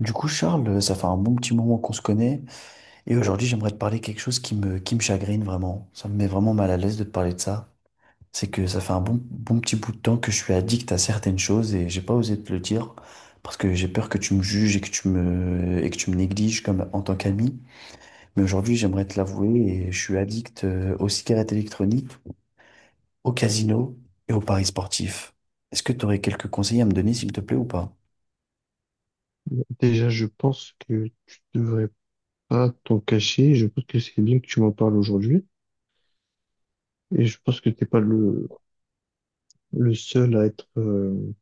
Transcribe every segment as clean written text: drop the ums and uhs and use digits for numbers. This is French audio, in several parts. Du coup, Charles, ça fait un bon petit moment qu'on se connaît et aujourd'hui, j'aimerais te parler quelque chose qui me chagrine vraiment. Ça me met vraiment mal à l'aise de te parler de ça. C'est que ça fait un bon, bon petit bout de temps que je suis addict à certaines choses et j'ai pas osé te le dire parce que j'ai peur que tu me juges et que tu me négliges comme en tant qu'ami. Mais aujourd'hui, j'aimerais te l'avouer et je suis addict aux cigarettes électroniques, au casino et aux paris sportifs. Est-ce que tu aurais quelques conseils à me donner, s'il te plaît, ou pas? Déjà, je pense que tu devrais pas t'en cacher. Je pense que c'est bien que tu m'en parles aujourd'hui. Et je pense que t'es pas le seul à être,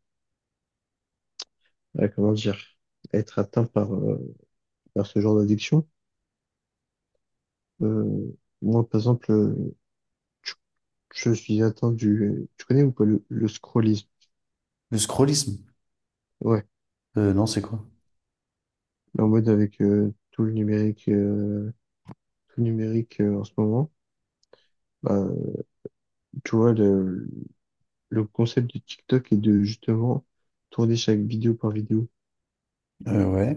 à, comment dire, à être atteint par, par ce genre d'addiction. Euh, Moi, par exemple, tu- je suis atteint du, tu connais ou pas le scrollisme? Le scrollisme? Ouais. Non, c'est quoi? En mode avec tout le numérique en ce moment. Bah, tu vois, le concept de TikTok est de justement tourner chaque vidéo par vidéo. Ouais.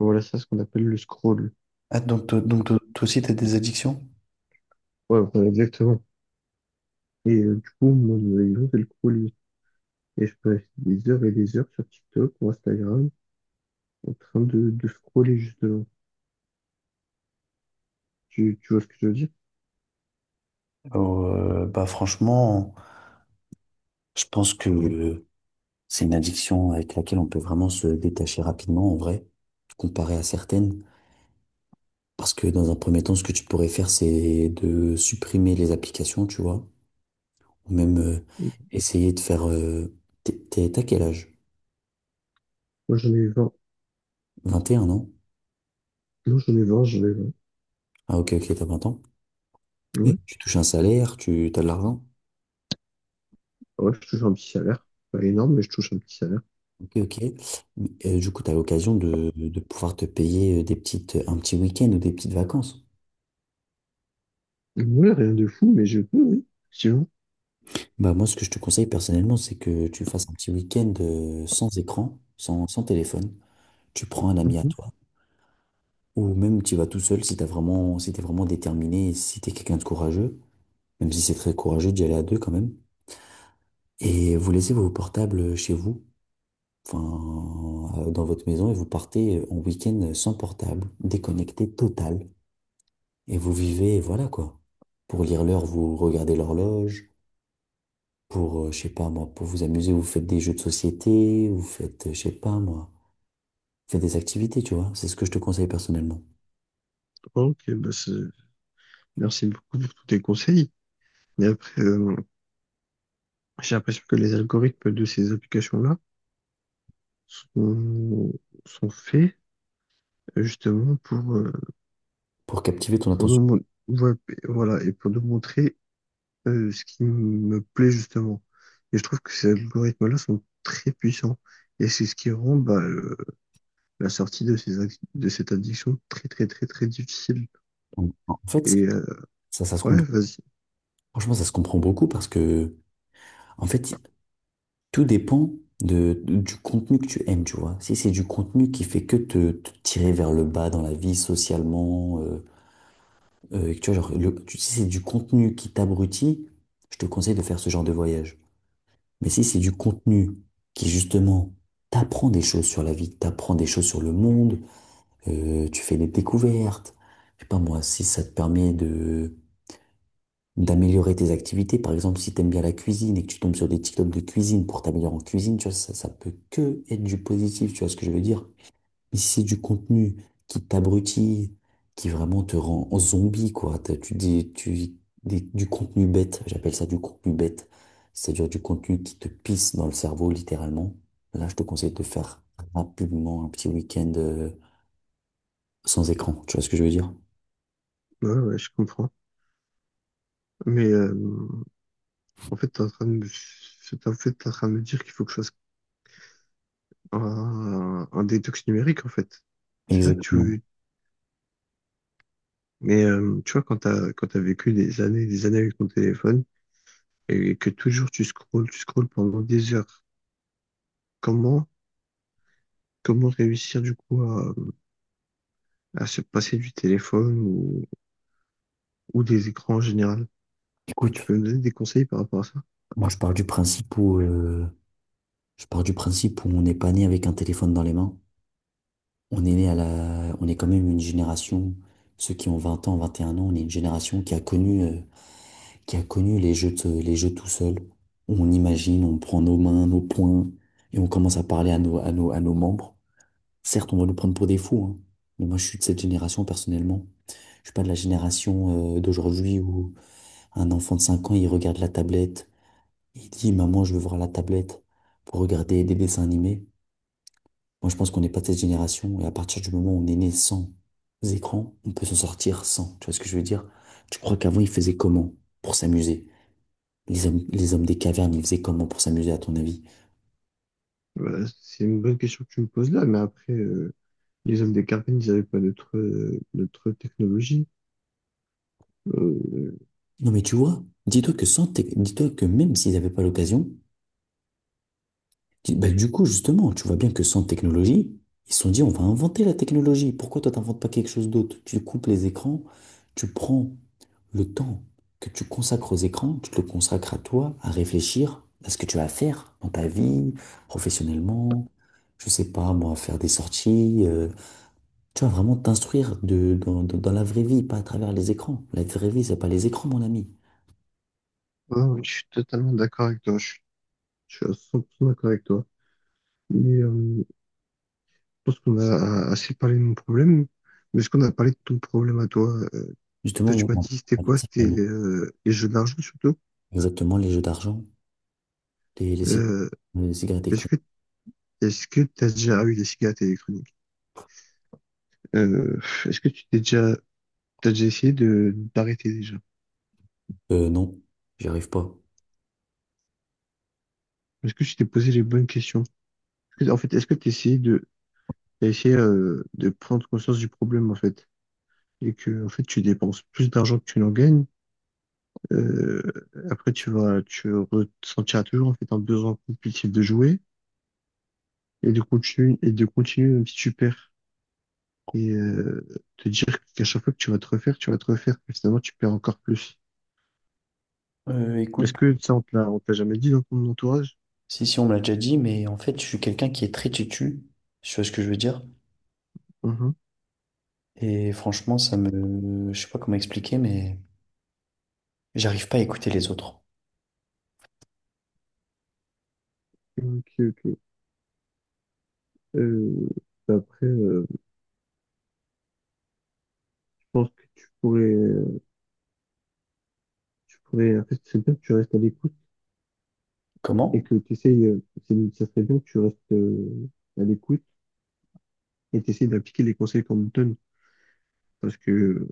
Voilà, c'est ce qu'on appelle le scroll. Ah, donc toi aussi, tu as des addictions? Ouais, voilà, exactement. Et du coup, moi, les gens, c'est le scroll. Et je passe des heures et des heures sur TikTok ou Instagram en train de scroller, justement. Tu vois ce que je veux dire? Bah, franchement, je pense que c'est une addiction avec laquelle on peut vraiment se détacher rapidement, en vrai, comparé à certaines. Parce que dans un premier temps, ce que tu pourrais faire, c'est de supprimer les applications, tu vois, ou même essayer de faire. T'as quel âge? Moi, j'en ai vingt. 21, non. Non, j'en ai vingt, j'en ai vingt. Ah, ok, ok, t'as 20 ans. Et Ouais. tu touches un salaire, tu as de l'argent. Ouais, je touche un petit salaire. Pas énorme, mais je touche un petit salaire. Ok, ok. Mais, du coup, tu as l'occasion de pouvoir te payer un petit week-end ou des petites vacances. Ouais, rien de fou, mais je peux, oui. Effectivement. Bah, moi, ce que je te conseille personnellement, c'est que tu fasses un petit week-end sans écran, sans téléphone. Tu prends un ami à Mhm. toi, ou même tu y vas tout seul si t'es vraiment déterminé, si t'es quelqu'un de courageux, même si c'est très courageux d'y aller à deux quand même. Et vous laissez vos portables chez vous, enfin, dans votre maison, et vous partez en week-end sans portable, déconnecté total. Et vous vivez, voilà quoi. Pour lire l'heure, vous regardez l'horloge. Je sais pas moi, pour vous amuser, vous faites des jeux de société, vous faites, je sais pas moi, vous faites des activités, tu vois. C'est ce que je te conseille personnellement. Ok, merci beaucoup pour tous tes conseils. Mais après, j'ai l'impression que les algorithmes de ces applications-là sont, sont faits justement pour, Pour captiver ton pour attention. nous, mon- ouais, voilà, et pour nous montrer ce qui me plaît justement. Et je trouve que ces algorithmes-là sont très puissants. Et c'est ce qui rend la sortie de, de cette addiction très très très très difficile. En fait, Et ça, ça, ça se ouais, comprend. vas-y, Franchement, ça se comprend beaucoup parce que, en fait, tout dépend du contenu que tu aimes, tu vois. Si c'est du contenu qui fait que te tirer vers le bas dans la vie, socialement, tu vois, genre, si c'est du contenu qui t'abrutit, je te conseille de faire ce genre de voyage. Mais si c'est du contenu qui justement t'apprend des choses sur la vie, t'apprend des choses sur le monde, tu fais des découvertes, je sais pas moi, si ça te permet de d'améliorer tes activités, par exemple si t'aimes bien la cuisine et que tu tombes sur des TikTok de cuisine pour t'améliorer en cuisine, tu vois, ça peut que être du positif, tu vois ce que je veux dire? Mais si c'est du contenu qui t'abrutit, qui vraiment te rend zombie, quoi. Tu dis, du contenu bête, j'appelle ça du contenu bête. C'est-à-dire du contenu qui te pisse dans le cerveau, littéralement. Là, je te conseille de faire rapidement un petit week-end sans écran. Tu vois ce que je veux dire? ouais, ouais, je comprends. Mais en fait, t'es en train de me, c'est- en fait, t'es en train de me dire qu'il faut que je fasse un détox numérique en fait. C'est ça que tu Exactement. veux. Mais tu vois, quand t'as vécu des années avec ton téléphone, et que toujours tu scrolles pendant des heures. Comment, Comment réussir du coup à se passer du téléphone ou des écrans en général? Tu Écoute, peux me donner des conseils par rapport à ça? moi, je pars du principe où on n'est pas né avec un téléphone dans les mains. On est né on est quand même une génération, ceux qui ont 20 ans, 21 ans, on est une génération qui a connu. Qui a connu les jeux tout seul, où on imagine, on prend nos mains, nos poings, et on commence à parler à nos membres. Certes, on va nous prendre pour des fous, hein, mais moi je suis de cette génération personnellement. Je suis pas de la génération d'aujourd'hui où un enfant de 5 ans, il regarde la tablette, il dit, Maman, je veux voir la tablette pour regarder des dessins animés. Moi, je pense qu'on n'est pas de cette génération, et à partir du moment où on est né sans écran, on peut s'en sortir sans. Tu vois ce que je veux dire? Tu crois qu'avant, ils faisaient comment pour s'amuser? Les hommes des cavernes, ils faisaient comment pour s'amuser, à ton avis? Voilà, c'est une bonne question que tu me poses là, mais après, les hommes des cavernes ils n'avaient pas notre, notre technologie. Euh, Non, mais tu vois, dis-toi que même s'ils n'avaient pas l'occasion, bah, du coup, justement, tu vois bien que sans technologie, ils se sont dit, on va inventer la technologie. Pourquoi toi, t'inventes pas quelque chose d'autre? Tu coupes les écrans, tu prends le temps que tu consacres aux écrans, tu te le consacres à toi, à réfléchir à ce que tu vas faire dans ta vie, professionnellement, je sais pas, moi, faire des sorties, tu vas vraiment t'instruire dans la vraie vie, pas à travers les écrans. La vraie vie, c'est pas les écrans, mon ami. ouais, ouais, je suis totalement d'accord avec toi, je suis à 100% d'accord avec toi. Mais, pense qu'on a assez parlé de mon problème, mais est-ce qu'on a parlé de ton problème à toi? Euh, Justement, Toi, tu oui, m'as dit, c'était on quoi? C'était les jeux d'argent surtout. exactement les jeux d'argent, les, les, cig- Euh, les cigarettes est-ce électroniques. que est-ce que t'as déjà eu des cigarettes électroniques? Euh, est-ce que tu t'es déjà t'as déjà essayé de d'arrêter déjà? Non, j'y arrive pas. Est-ce que tu t'es posé les bonnes questions? En fait, est-ce que tu essayé de t'as essayé de prendre conscience du problème en fait et que en fait tu dépenses plus d'argent que tu n'en gagnes? Euh, Après, tu ressentiras toujours en fait un besoin compulsif de jouer, et de continuer même si tu perds. Et te dire qu'à chaque fois que tu vas te refaire, tu vas te refaire, et finalement tu perds encore plus. Écoute, Est-ce que ça, on te l'a jamais dit dans ton entourage? si, si, on me l'a déjà dit, mais en fait, je suis quelqu'un qui est très têtu, tu vois ce que je veux dire? Mhm. Et franchement, ça me. Je sais pas comment expliquer, mais j'arrive pas à écouter les autres. Ok, ok. Euh, après, je pense que tu pourrais, en fait, c'est bien que tu restes à l'écoute et Comment? que tu essayes, ça serait bien que tu restes à l'écoute et tu essayes d'appliquer les conseils qu'on te donne. Parce que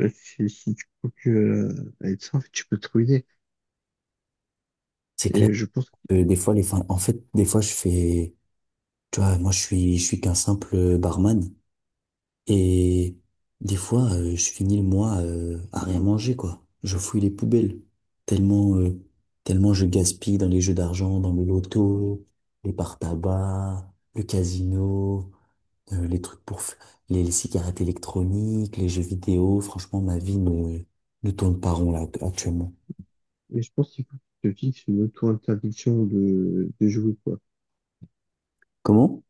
si tu continues à être ça, en fait, tu peux te ruiner. C'est clair Et je pense que des fois, en fait, des fois, je fais, tu vois, moi, je suis qu'un simple barman. Et des fois, je finis le mois à rien manger, quoi. Je fouille les poubelles. Tellement, euh, tellement je gaspille dans les jeux d'argent, dans le loto, les par-tabac, le casino, les trucs pour f- les cigarettes électroniques, les jeux vidéo. Franchement, ma vie ne tourne pas rond là actuellement. Et je pense qu'il faut que tu te fixes une auto-interdiction de jouer, quoi. Comment?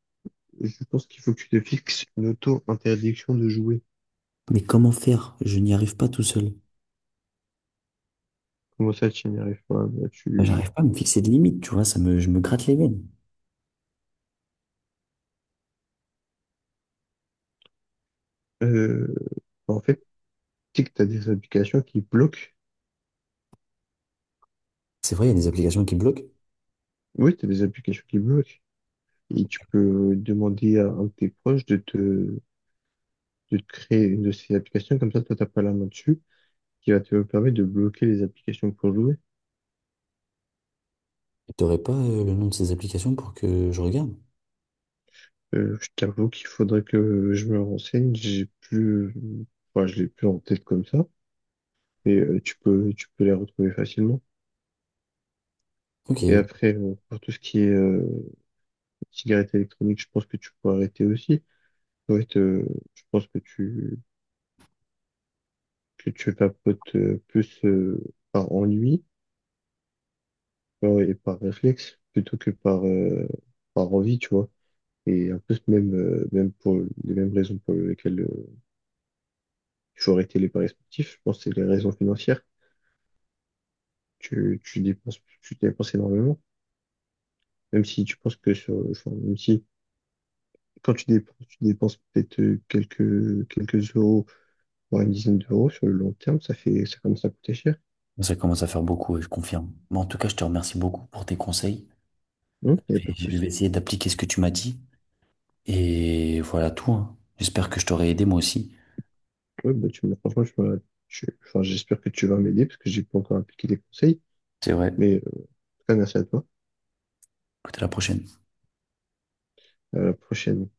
Je pense qu'il faut que tu te fixes une auto-interdiction de jouer. Mais comment faire? Je n'y arrive pas tout seul. Comment ça, tu n'y arrives pas? Enfin, j'arrive pas à me fixer de limites, tu vois, je me gratte les veines. euh, en fait, tu sais que t'as des applications qui bloquent. C'est vrai, il y a des applications qui bloquent. Oui, t'as des applications qui bloquent. Et tu peux demander à un de tes proches de te créer une de ces applications. Comme ça, toi, t'as pas la main dessus, qui va te permettre de bloquer les applications pour jouer. Et t'aurais pas le nom de ces applications pour que je regarde? Je t'avoue qu'il faudrait que je me renseigne. Je l'ai plus en tête comme ça, et tu peux les retrouver facilement. Ok, Et ok. après, pour tout ce qui est cigarette électronique, je pense que tu peux arrêter aussi. En fait, je pense que tu vapotes plus par ennui et par réflexe plutôt que par, par envie, tu vois. Et en plus, même, même pour les mêmes raisons pour lesquelles tu aurais été les paris sportifs, je pense que c'est les raisons financières. Tu dépenses, tu dépenses énormément, même si tu penses que sur, enfin, même si quand tu dépenses peut-être quelques euros, voire une dizaine d'euros sur le long terme, ça fait, ça commence à coûter cher. Ça commence à faire beaucoup, et je confirme. Mais en tout cas, je te remercie beaucoup pour tes conseils. Il n'y a pas de Et je vais souci. essayer d'appliquer ce que tu m'as dit. Et voilà tout, hein. J'espère que je t'aurai aidé moi aussi. Ouais, franchement, tu m'as- tu- enfin, j'espère que tu vas m'aider parce que j'ai pas encore appliqué les conseils. C'est vrai. Mais en tout cas, merci à toi. Écoute, à la prochaine. À la prochaine.